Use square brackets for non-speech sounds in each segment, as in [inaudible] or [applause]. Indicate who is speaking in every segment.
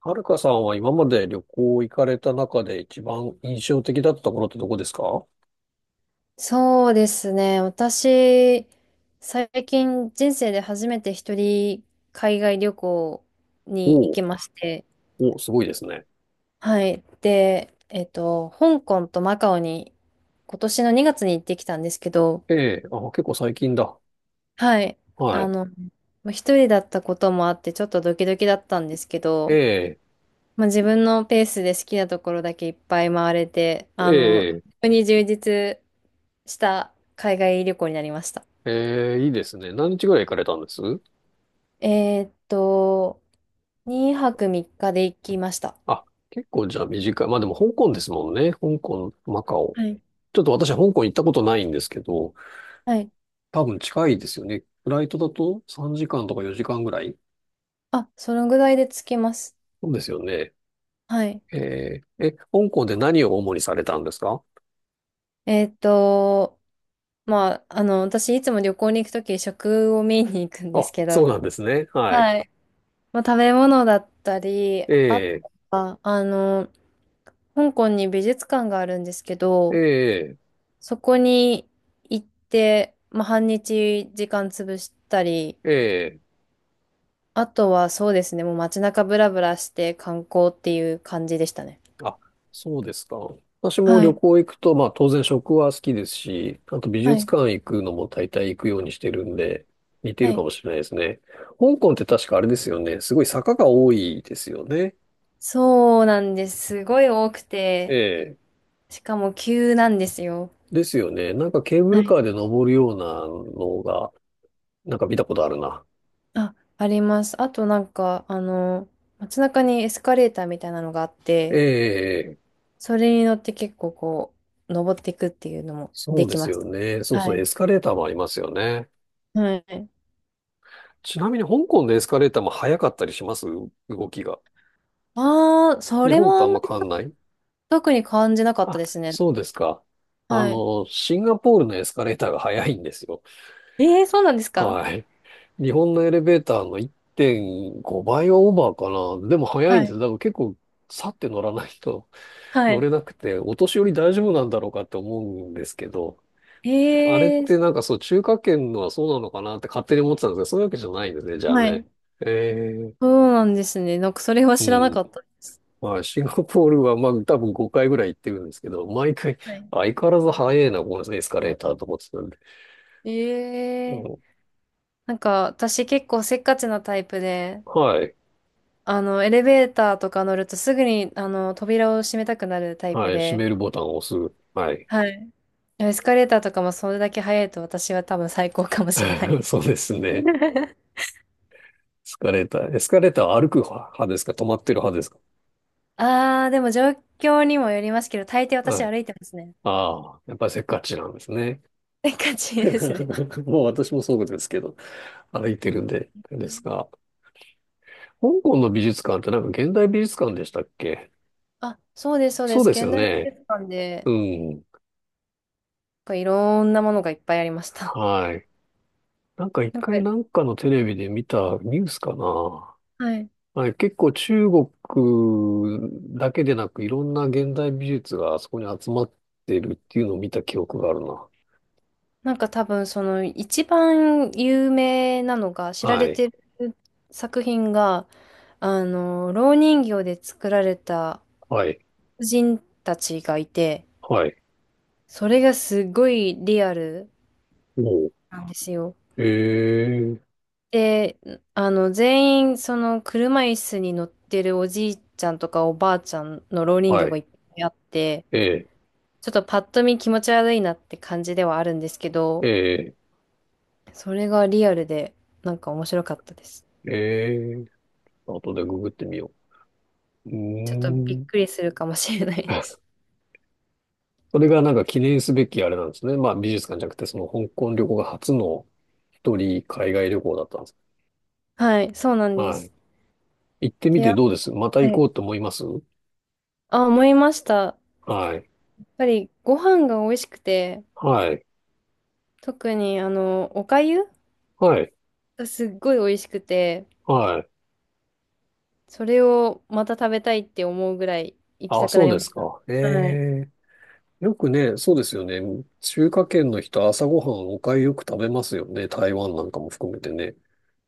Speaker 1: はるかさんは今まで旅行行かれた中で一番印象的だったところってどこですか？お
Speaker 2: そうですね。私、最近人生で初めて一人海外旅行に行
Speaker 1: お、
Speaker 2: きまして、
Speaker 1: おお、すごいですね。
Speaker 2: はい。で、香港とマカオに今年の2月に行ってきたんですけど、
Speaker 1: ええ、あ、結構最近だ。
Speaker 2: はい。
Speaker 1: は
Speaker 2: あ
Speaker 1: い。
Speaker 2: の、まあ一人だったこともあってちょっとドキドキだったんですけ
Speaker 1: え
Speaker 2: ど、
Speaker 1: え、
Speaker 2: まあ、自分のペースで好きなところだけいっぱい回れて、
Speaker 1: え
Speaker 2: 非
Speaker 1: え、
Speaker 2: 常に充実した海外旅行になりました。
Speaker 1: ええ、いいですね。何日ぐらい行かれたんです？
Speaker 2: えーっと、2泊3日で行きました。
Speaker 1: あ、結構じゃあ短い。まあでも香港ですもんね。香港、マカオ。
Speaker 2: はい。
Speaker 1: ちょっと私香港行ったことないんですけど、
Speaker 2: はい。
Speaker 1: 多分近いですよね。フライトだと3時間とか4時間ぐらい。
Speaker 2: あ、そのぐらいで着きます。
Speaker 1: そうですよね。
Speaker 2: はい。
Speaker 1: ええ、え、香港で何を主にされたんですか？
Speaker 2: えーっと、まあ、私いつも旅行に行くとき食を見に行くんで
Speaker 1: あ、
Speaker 2: すけ
Speaker 1: そ
Speaker 2: ど、
Speaker 1: うなんですね。はい。
Speaker 2: はい。まあ、食べ物だったり、
Speaker 1: え
Speaker 2: あ
Speaker 1: え、
Speaker 2: とは、香港に美術館があるんですけ
Speaker 1: え
Speaker 2: ど、
Speaker 1: え、
Speaker 2: そこに行って、まあ、半日時間潰したり
Speaker 1: ええ。
Speaker 2: あとはそうですね、もう街中ブラブラして観光っていう感じでしたね。
Speaker 1: あ、そうですか。私も
Speaker 2: は
Speaker 1: 旅
Speaker 2: い。
Speaker 1: 行行くと、まあ当然食は好きですし、あと美
Speaker 2: は
Speaker 1: 術
Speaker 2: い。
Speaker 1: 館行くのも大体行くようにしてるんで、似て
Speaker 2: は
Speaker 1: るか
Speaker 2: い。
Speaker 1: もしれないですね。香港って確かあれですよね。すごい坂が多いですよね。
Speaker 2: そうなんです。すごい多く
Speaker 1: え
Speaker 2: て、
Speaker 1: え。
Speaker 2: しかも急なんですよ。
Speaker 1: ですよね。なんかケーブ
Speaker 2: は
Speaker 1: ルカ
Speaker 2: い。
Speaker 1: ーで登るようなのが、なんか見たことあるな。
Speaker 2: あ、あります。あとなんか、街中にエスカレーターみたいなのがあっ
Speaker 1: え
Speaker 2: て、
Speaker 1: え、
Speaker 2: それに乗って結構こう、登っていくっていうのも
Speaker 1: そ
Speaker 2: で
Speaker 1: うで
Speaker 2: き
Speaker 1: す
Speaker 2: まし
Speaker 1: よ
Speaker 2: た。
Speaker 1: ね。そう
Speaker 2: は
Speaker 1: そう、エ
Speaker 2: い。
Speaker 1: スカレーターもありますよね。
Speaker 2: はい。
Speaker 1: ちなみに香港のエスカレーターも速かったりします？動きが。
Speaker 2: ああ、そ
Speaker 1: 日
Speaker 2: れ
Speaker 1: 本
Speaker 2: も
Speaker 1: と
Speaker 2: あ
Speaker 1: あ
Speaker 2: ん
Speaker 1: ん
Speaker 2: ま
Speaker 1: ま
Speaker 2: り
Speaker 1: 変わんない？
Speaker 2: 特に感じなかった
Speaker 1: あ、
Speaker 2: ですね。
Speaker 1: そうですか。
Speaker 2: はい。
Speaker 1: シンガポールのエスカレーターが早いんですよ。
Speaker 2: ええ、そうなんですか？
Speaker 1: はい。日本のエレベーターの1.5倍はオーバーかな。でも早いん
Speaker 2: は
Speaker 1: です。
Speaker 2: い。
Speaker 1: だから結構、さって乗らないと
Speaker 2: は
Speaker 1: 乗
Speaker 2: い。
Speaker 1: れなくて、お年寄り大丈夫なんだろうかって思うんですけど、
Speaker 2: え
Speaker 1: あれっ
Speaker 2: え
Speaker 1: て
Speaker 2: ー。
Speaker 1: なんかそう、中華圏のはそうなのかなって勝手に思ってたんですけど、そういうわけじゃないんですね、じゃあ
Speaker 2: は
Speaker 1: ね。
Speaker 2: い。
Speaker 1: えー、
Speaker 2: そうなんですね。なんかそれは
Speaker 1: う
Speaker 2: 知らな
Speaker 1: ん。
Speaker 2: かったです。
Speaker 1: まあ、シンガポールは、まあ、多分5回ぐらい行ってるんですけど、毎回、
Speaker 2: はい。
Speaker 1: 相変わらず早いな、このエスカレーターと思ってたんで。う
Speaker 2: ええ、
Speaker 1: ん。
Speaker 2: なんか私結構せっかちなタイプで、
Speaker 1: はい。
Speaker 2: エレベーターとか乗るとすぐに、扉を閉めたくなるタイ
Speaker 1: は
Speaker 2: プ
Speaker 1: い。閉
Speaker 2: で、
Speaker 1: めるボタンを押す。はい。
Speaker 2: はい。エスカレーターとかもそれだけ早いと私は多分最高かもしれな
Speaker 1: [laughs]
Speaker 2: い。
Speaker 1: そうですね。エ
Speaker 2: [laughs]
Speaker 1: スカレーター。エスカレーターは歩く派ですか、止まってる派ですか？
Speaker 2: あー、でも状況にもよりますけど、大抵私
Speaker 1: はい。
Speaker 2: 歩いてますね。
Speaker 1: ああ、やっぱりせっかちなんですね。
Speaker 2: せっかちですね。
Speaker 1: [laughs] もう私もそうですけど、歩いてるんで、ですが。香港の美術館ってなんか現代美術館でしたっけ？
Speaker 2: あ、そうです、そうで
Speaker 1: そう
Speaker 2: す。
Speaker 1: です
Speaker 2: 現
Speaker 1: よ
Speaker 2: 代美
Speaker 1: ね。
Speaker 2: 術館で、
Speaker 1: うん。
Speaker 2: なんかいろんなものがいっぱいありました。
Speaker 1: はい。なんか
Speaker 2: [laughs]
Speaker 1: 一
Speaker 2: なんか、
Speaker 1: 回なんかのテレビで見たニュースかな。
Speaker 2: はい。
Speaker 1: はい、結構中国だけでなくいろんな現代美術があそこに集まってるっていうのを見た記憶があるな。
Speaker 2: なんか多分その一番有名なのが、知ら
Speaker 1: は
Speaker 2: れ
Speaker 1: い、
Speaker 2: てる作品が、蝋人形で作られた
Speaker 1: はい、
Speaker 2: 婦人たちがいて、
Speaker 1: はい。
Speaker 2: それがすごいリアル
Speaker 1: おう。
Speaker 2: なんですよ。
Speaker 1: ええ、
Speaker 2: で、全員その車椅子に乗ってるおじいちゃんとかおばあちゃんの蝋人形
Speaker 1: は
Speaker 2: が
Speaker 1: い。
Speaker 2: いっぱいあって、
Speaker 1: ええ、
Speaker 2: ちょっとパッと見気持ち悪いなって感じではあるんですけど、
Speaker 1: ええ、
Speaker 2: それがリアルで、なんか面白かったです。
Speaker 1: ええ、後でググってみよう。うー
Speaker 2: ちょっとびっ
Speaker 1: ん。
Speaker 2: くりするかもしれないです。
Speaker 1: [laughs] それがなんか記念すべきあれなんですね。まあ美術館じゃなくて、その香港旅行が初の一人海外旅行だったんです。
Speaker 2: [laughs] はい、そうなんで
Speaker 1: はい。
Speaker 2: す。
Speaker 1: 行ってみ
Speaker 2: で、や
Speaker 1: てどう？ですまた行
Speaker 2: は
Speaker 1: こ
Speaker 2: い。
Speaker 1: うと思います？
Speaker 2: あ、思いました。や
Speaker 1: はい。
Speaker 2: っぱりご飯が美味しくて、
Speaker 1: はい。
Speaker 2: 特にお粥
Speaker 1: はい。
Speaker 2: がすっごい美味しくて、
Speaker 1: はい。
Speaker 2: それをまた食べたいって思うぐらい行き
Speaker 1: あ、
Speaker 2: たくな
Speaker 1: そう
Speaker 2: りま
Speaker 1: で
Speaker 2: し
Speaker 1: す
Speaker 2: た。
Speaker 1: か。え
Speaker 2: はい。
Speaker 1: え。よくね、そうですよね。中華圏の人、朝ごはんお粥よく食べますよね。台湾なんかも含めてね。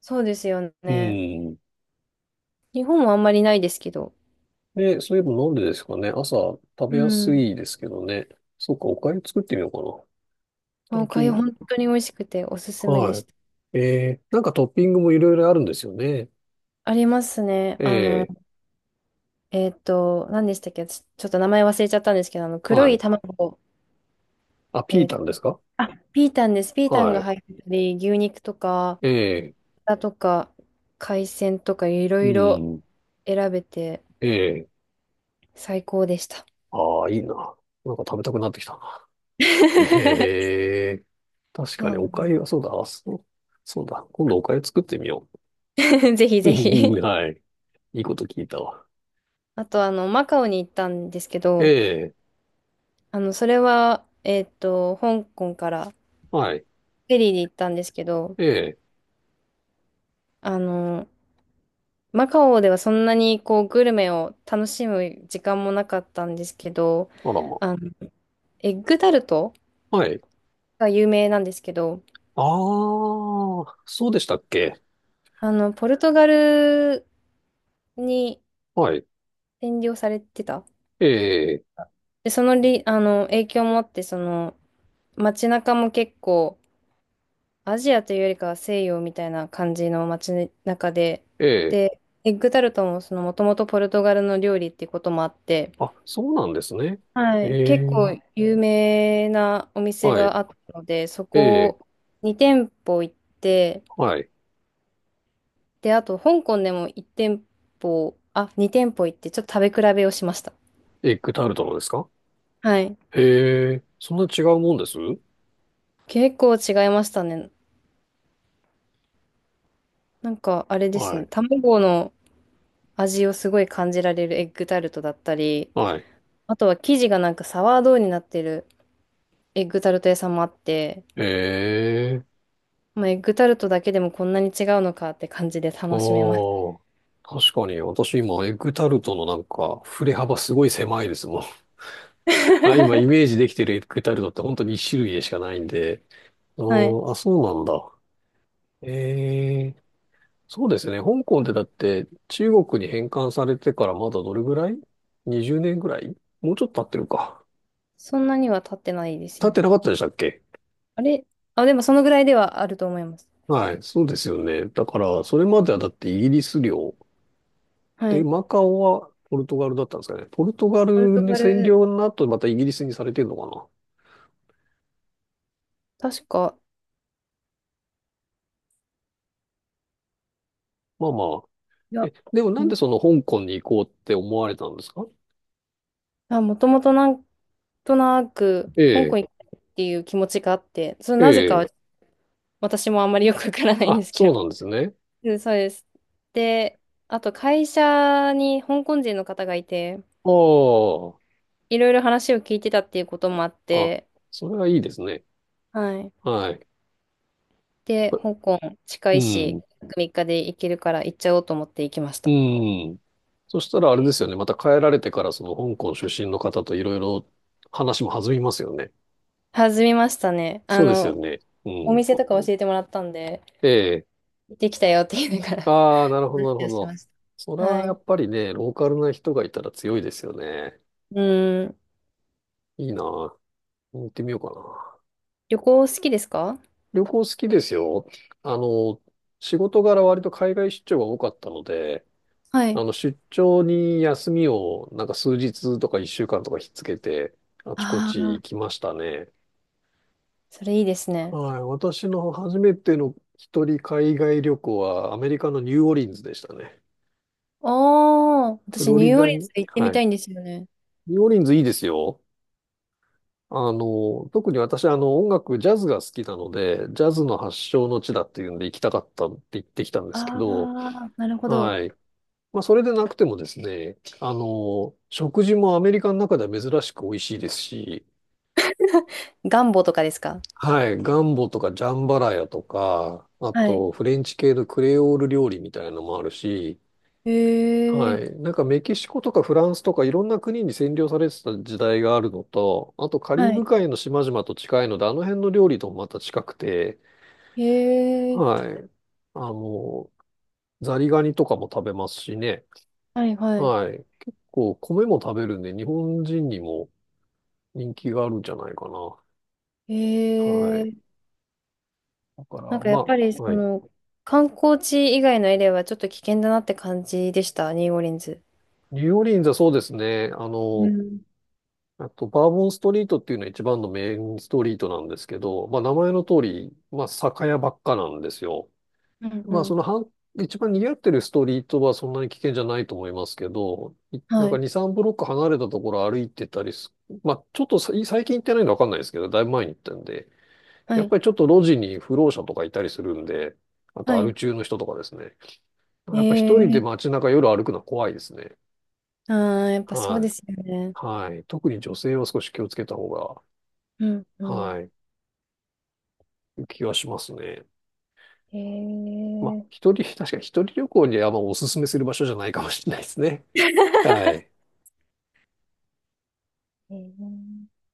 Speaker 2: そうですよ
Speaker 1: う
Speaker 2: ね。
Speaker 1: ん。
Speaker 2: 日本はあんまりないですけど。
Speaker 1: で、そういえばなんでですかね。朝食
Speaker 2: う
Speaker 1: べやす
Speaker 2: ん。
Speaker 1: いですけどね。そっか、お粥作ってみようかな。
Speaker 2: まあお
Speaker 1: 最
Speaker 2: 粥
Speaker 1: 近。
Speaker 2: 本当に美味しくておすすめでし
Speaker 1: は
Speaker 2: た。
Speaker 1: い。ええ、なんかトッピングもいろいろあるんですよね。
Speaker 2: ありますね。
Speaker 1: ええ。
Speaker 2: 何でしたっけ？ちょっと名前忘れちゃったんですけど、黒
Speaker 1: は
Speaker 2: い
Speaker 1: い。
Speaker 2: 卵、
Speaker 1: あ、ピー
Speaker 2: えー
Speaker 1: タンですか？
Speaker 2: あ、ピータンです。ピータン
Speaker 1: は
Speaker 2: が入ってたり、牛肉とか、
Speaker 1: い。ええ。
Speaker 2: 豚とか、海鮮とか、いろ
Speaker 1: う
Speaker 2: いろ
Speaker 1: ん。
Speaker 2: 選べて、
Speaker 1: ええ。
Speaker 2: 最高でした。
Speaker 1: ああ、いいな。なんか食べたくなってきたな。え
Speaker 2: [laughs]
Speaker 1: え、確
Speaker 2: そ
Speaker 1: かに
Speaker 2: うな
Speaker 1: お
Speaker 2: ん
Speaker 1: 粥はそうだ。あ、そう、そうだ。今度お粥作ってみよ
Speaker 2: です。 [laughs] ぜひ
Speaker 1: う。
Speaker 2: ぜひ。
Speaker 1: [laughs] はい。いいこと聞いたわ。
Speaker 2: あと、マカオに行ったんですけ
Speaker 1: え
Speaker 2: ど、
Speaker 1: え、
Speaker 2: それは、香港からフ
Speaker 1: はい。
Speaker 2: ェリーで行ったんですけど、
Speaker 1: ええ、
Speaker 2: あの、マカオではそんなにこうグルメを楽しむ時間もなかったんですけど、
Speaker 1: あらま。
Speaker 2: あの、エッグタルト
Speaker 1: はい。
Speaker 2: が有名なんですけど、
Speaker 1: ああ、そうでしたっけ。
Speaker 2: ポルトガルに
Speaker 1: はい。
Speaker 2: 占領されてた。
Speaker 1: ええ、
Speaker 2: で、その影響もあって、その、街中も結構、アジアというよりかは西洋みたいな感じの街中で、
Speaker 1: ええ、
Speaker 2: で、エッグタルトももともとポルトガルの料理っていうこともあって、
Speaker 1: あ、そうなんですね。
Speaker 2: は
Speaker 1: え
Speaker 2: い、結
Speaker 1: え、
Speaker 2: 構有名なお店
Speaker 1: はい。
Speaker 2: があったので、そ
Speaker 1: ええ、
Speaker 2: こ2店舗行って、
Speaker 1: はい。
Speaker 2: で、あと香港でも1店舗、あ、2店舗行って、ちょっと食べ比べをしました。
Speaker 1: エッグタルトのですか？
Speaker 2: はい。
Speaker 1: へえ、そんな違うもんです？
Speaker 2: 結構違いましたね。なんかあれです
Speaker 1: はい。
Speaker 2: ね、卵の味をすごい感じられるエッグタルトだったり、
Speaker 1: はい。
Speaker 2: あとは生地がなんかサワードーになってるエッグタルト屋さんもあって、
Speaker 1: ええ。
Speaker 2: まあ、エッグタルトだけでもこんなに違うのかって感じで
Speaker 1: あ
Speaker 2: 楽しめます。
Speaker 1: あ、確かに私今エッグタルトのなんか振れ幅すごい狭いですもん。[laughs] あ、今イメージできてるエッグタルトって本当に一種類でしかないんで。あ
Speaker 2: はい。
Speaker 1: ーあ、そうなんだ。ええ、そうですね。香港ってだって中国に返還されてからまだどれぐらい？ 20 年ぐらい、もうちょっと経ってるか。
Speaker 2: そんなには経ってないです
Speaker 1: 経っ
Speaker 2: よ
Speaker 1: て
Speaker 2: ね。
Speaker 1: なかったでしたっけ？
Speaker 2: あれ、あ、でもそのぐらいではあると思います。
Speaker 1: はい、そうですよね。だからそれまではだってイギリス領。
Speaker 2: は
Speaker 1: で、
Speaker 2: い。
Speaker 1: マカオはポルトガルだったんですかね。ポルトガ
Speaker 2: ポル
Speaker 1: ル
Speaker 2: ト
Speaker 1: に
Speaker 2: ガ
Speaker 1: 占
Speaker 2: ル、
Speaker 1: 領の後、またイギリスにされてるのかな。
Speaker 2: 確か、
Speaker 1: まあまあ。
Speaker 2: いや、
Speaker 1: え、でもなん
Speaker 2: ん
Speaker 1: でその香港に行こうって思われたんですか？
Speaker 2: あ、もともとなんとなく、
Speaker 1: え
Speaker 2: 香
Speaker 1: え、
Speaker 2: 港行きたいっていう気持ちがあって、それ
Speaker 1: え
Speaker 2: なぜかは
Speaker 1: え。
Speaker 2: 私もあんまりよくわからないんで
Speaker 1: あ、
Speaker 2: す
Speaker 1: そ
Speaker 2: け
Speaker 1: う
Speaker 2: ど。
Speaker 1: なんですね。
Speaker 2: うん、そうです。で、あと会社に香港人の方がいて、
Speaker 1: あ
Speaker 2: いろいろ話を聞いてたっていうこともあっ
Speaker 1: あ、あ、
Speaker 2: て、
Speaker 1: それはいいですね。
Speaker 2: はい。
Speaker 1: はい。
Speaker 2: で、香港近
Speaker 1: う
Speaker 2: いし、
Speaker 1: ん、
Speaker 2: 3日で行けるから行っちゃおうと思って行きまし
Speaker 1: う
Speaker 2: た。
Speaker 1: ん。そしたらあれですよね。また帰られてからその香港出身の方といろいろ話も弾みますよね。
Speaker 2: 弾みましたね。
Speaker 1: そうですよね。う
Speaker 2: お
Speaker 1: ん。
Speaker 2: 店とか教えてもらったんで、
Speaker 1: え、
Speaker 2: 行ってきたよって言いながら
Speaker 1: ああ、なるほど、なるほ
Speaker 2: [laughs]。し
Speaker 1: ど。
Speaker 2: まし
Speaker 1: それ
Speaker 2: た。は
Speaker 1: はや
Speaker 2: い。
Speaker 1: っぱりね、ローカルな人がいたら強いですよね。
Speaker 2: うん。
Speaker 1: いいな。行ってみようかな。
Speaker 2: 旅行好きですか？
Speaker 1: 旅行好きですよ。あの、仕事柄割と海外出張が多かったので、
Speaker 2: はい。
Speaker 1: 出張に休みをなんか数日とか一週間とかひっつけて、あちこ
Speaker 2: あ
Speaker 1: ち行き
Speaker 2: あ、
Speaker 1: ましたね。
Speaker 2: それいいですね。
Speaker 1: はい。私の初めての一人海外旅行はアメリカのニューオーリンズでしたね。
Speaker 2: ああ、
Speaker 1: フ
Speaker 2: 私
Speaker 1: ロ
Speaker 2: ニ
Speaker 1: リ
Speaker 2: ューオー
Speaker 1: ダ
Speaker 2: リン
Speaker 1: に。
Speaker 2: ズ行ってみ
Speaker 1: は
Speaker 2: た
Speaker 1: い。
Speaker 2: いんですよね。
Speaker 1: ニューオーリンズいいですよ。特に私、音楽、ジャズが好きなので、ジャズの発祥の地だっていうんで行きたかったって言ってきたんですけど、
Speaker 2: あー、なるほど。
Speaker 1: はい。まあ、それでなくてもですね、食事もアメリカの中では珍しく美味しいですし、
Speaker 2: ガンボとかですか？
Speaker 1: はい。ガンボとかジャンバラヤとか、あ
Speaker 2: はい。
Speaker 1: と、フレンチ系のクレオール料理みたいなのもあるし、
Speaker 2: へ
Speaker 1: は
Speaker 2: え。
Speaker 1: い。なんかメキシコとかフランスとかいろんな国に占領されてた時代があるのと、あとカリ
Speaker 2: は
Speaker 1: ブ
Speaker 2: い。
Speaker 1: 海の島々と近いので、あの辺の料理ともまた近くて、
Speaker 2: へえ。
Speaker 1: はい。あの、ザリガニとかも食べますしね。
Speaker 2: はいはい。
Speaker 1: はい。結構米も食べるんで、日本人にも人気があるんじゃないかな。
Speaker 2: へ
Speaker 1: はい。
Speaker 2: え。
Speaker 1: だか
Speaker 2: な
Speaker 1: ら、
Speaker 2: んかやっ
Speaker 1: ま
Speaker 2: ぱりそ
Speaker 1: あ、はい。
Speaker 2: の、観光地以外のエリアはちょっと危険だなって感じでした、ニューオーリンズ。
Speaker 1: ニューオーリンズはそうですね。あ
Speaker 2: う
Speaker 1: の、
Speaker 2: ん。
Speaker 1: あと、バーボンストリートっていうのは一番のメインストリートなんですけど、まあ、名前の通り、まあ、酒屋ばっかなんですよ。
Speaker 2: うんう
Speaker 1: まあ、そ
Speaker 2: ん。
Speaker 1: の半、一番賑わってるストリートはそんなに危険じゃないと思いますけど、いなん
Speaker 2: は
Speaker 1: か
Speaker 2: い。
Speaker 1: 2、3ブロック離れたところ歩いてたりす、まあ、ちょっとさ最近行ってないのわかんないですけど、だいぶ前に行ったんで、
Speaker 2: は
Speaker 1: やっ
Speaker 2: い。
Speaker 1: ぱりちょっと路地に不老者とかいたりするんで、あと
Speaker 2: は
Speaker 1: ア
Speaker 2: い。
Speaker 1: ル中の人とかですね。
Speaker 2: え
Speaker 1: やっぱ一人で
Speaker 2: ー、
Speaker 1: 街中夜歩くのは怖いですね。
Speaker 2: あー、やっぱそう
Speaker 1: は
Speaker 2: で
Speaker 1: い。
Speaker 2: すよね。
Speaker 1: はい。特に女性は少し気をつけた方が、
Speaker 2: うん、うん。
Speaker 1: はい、気はしますね。
Speaker 2: え
Speaker 1: まあ、
Speaker 2: ー、
Speaker 1: 一人、確かに一人旅行にはあんまおすすめする場所じゃないかもしれないですね。はい。
Speaker 2: [laughs] えー、ちょっ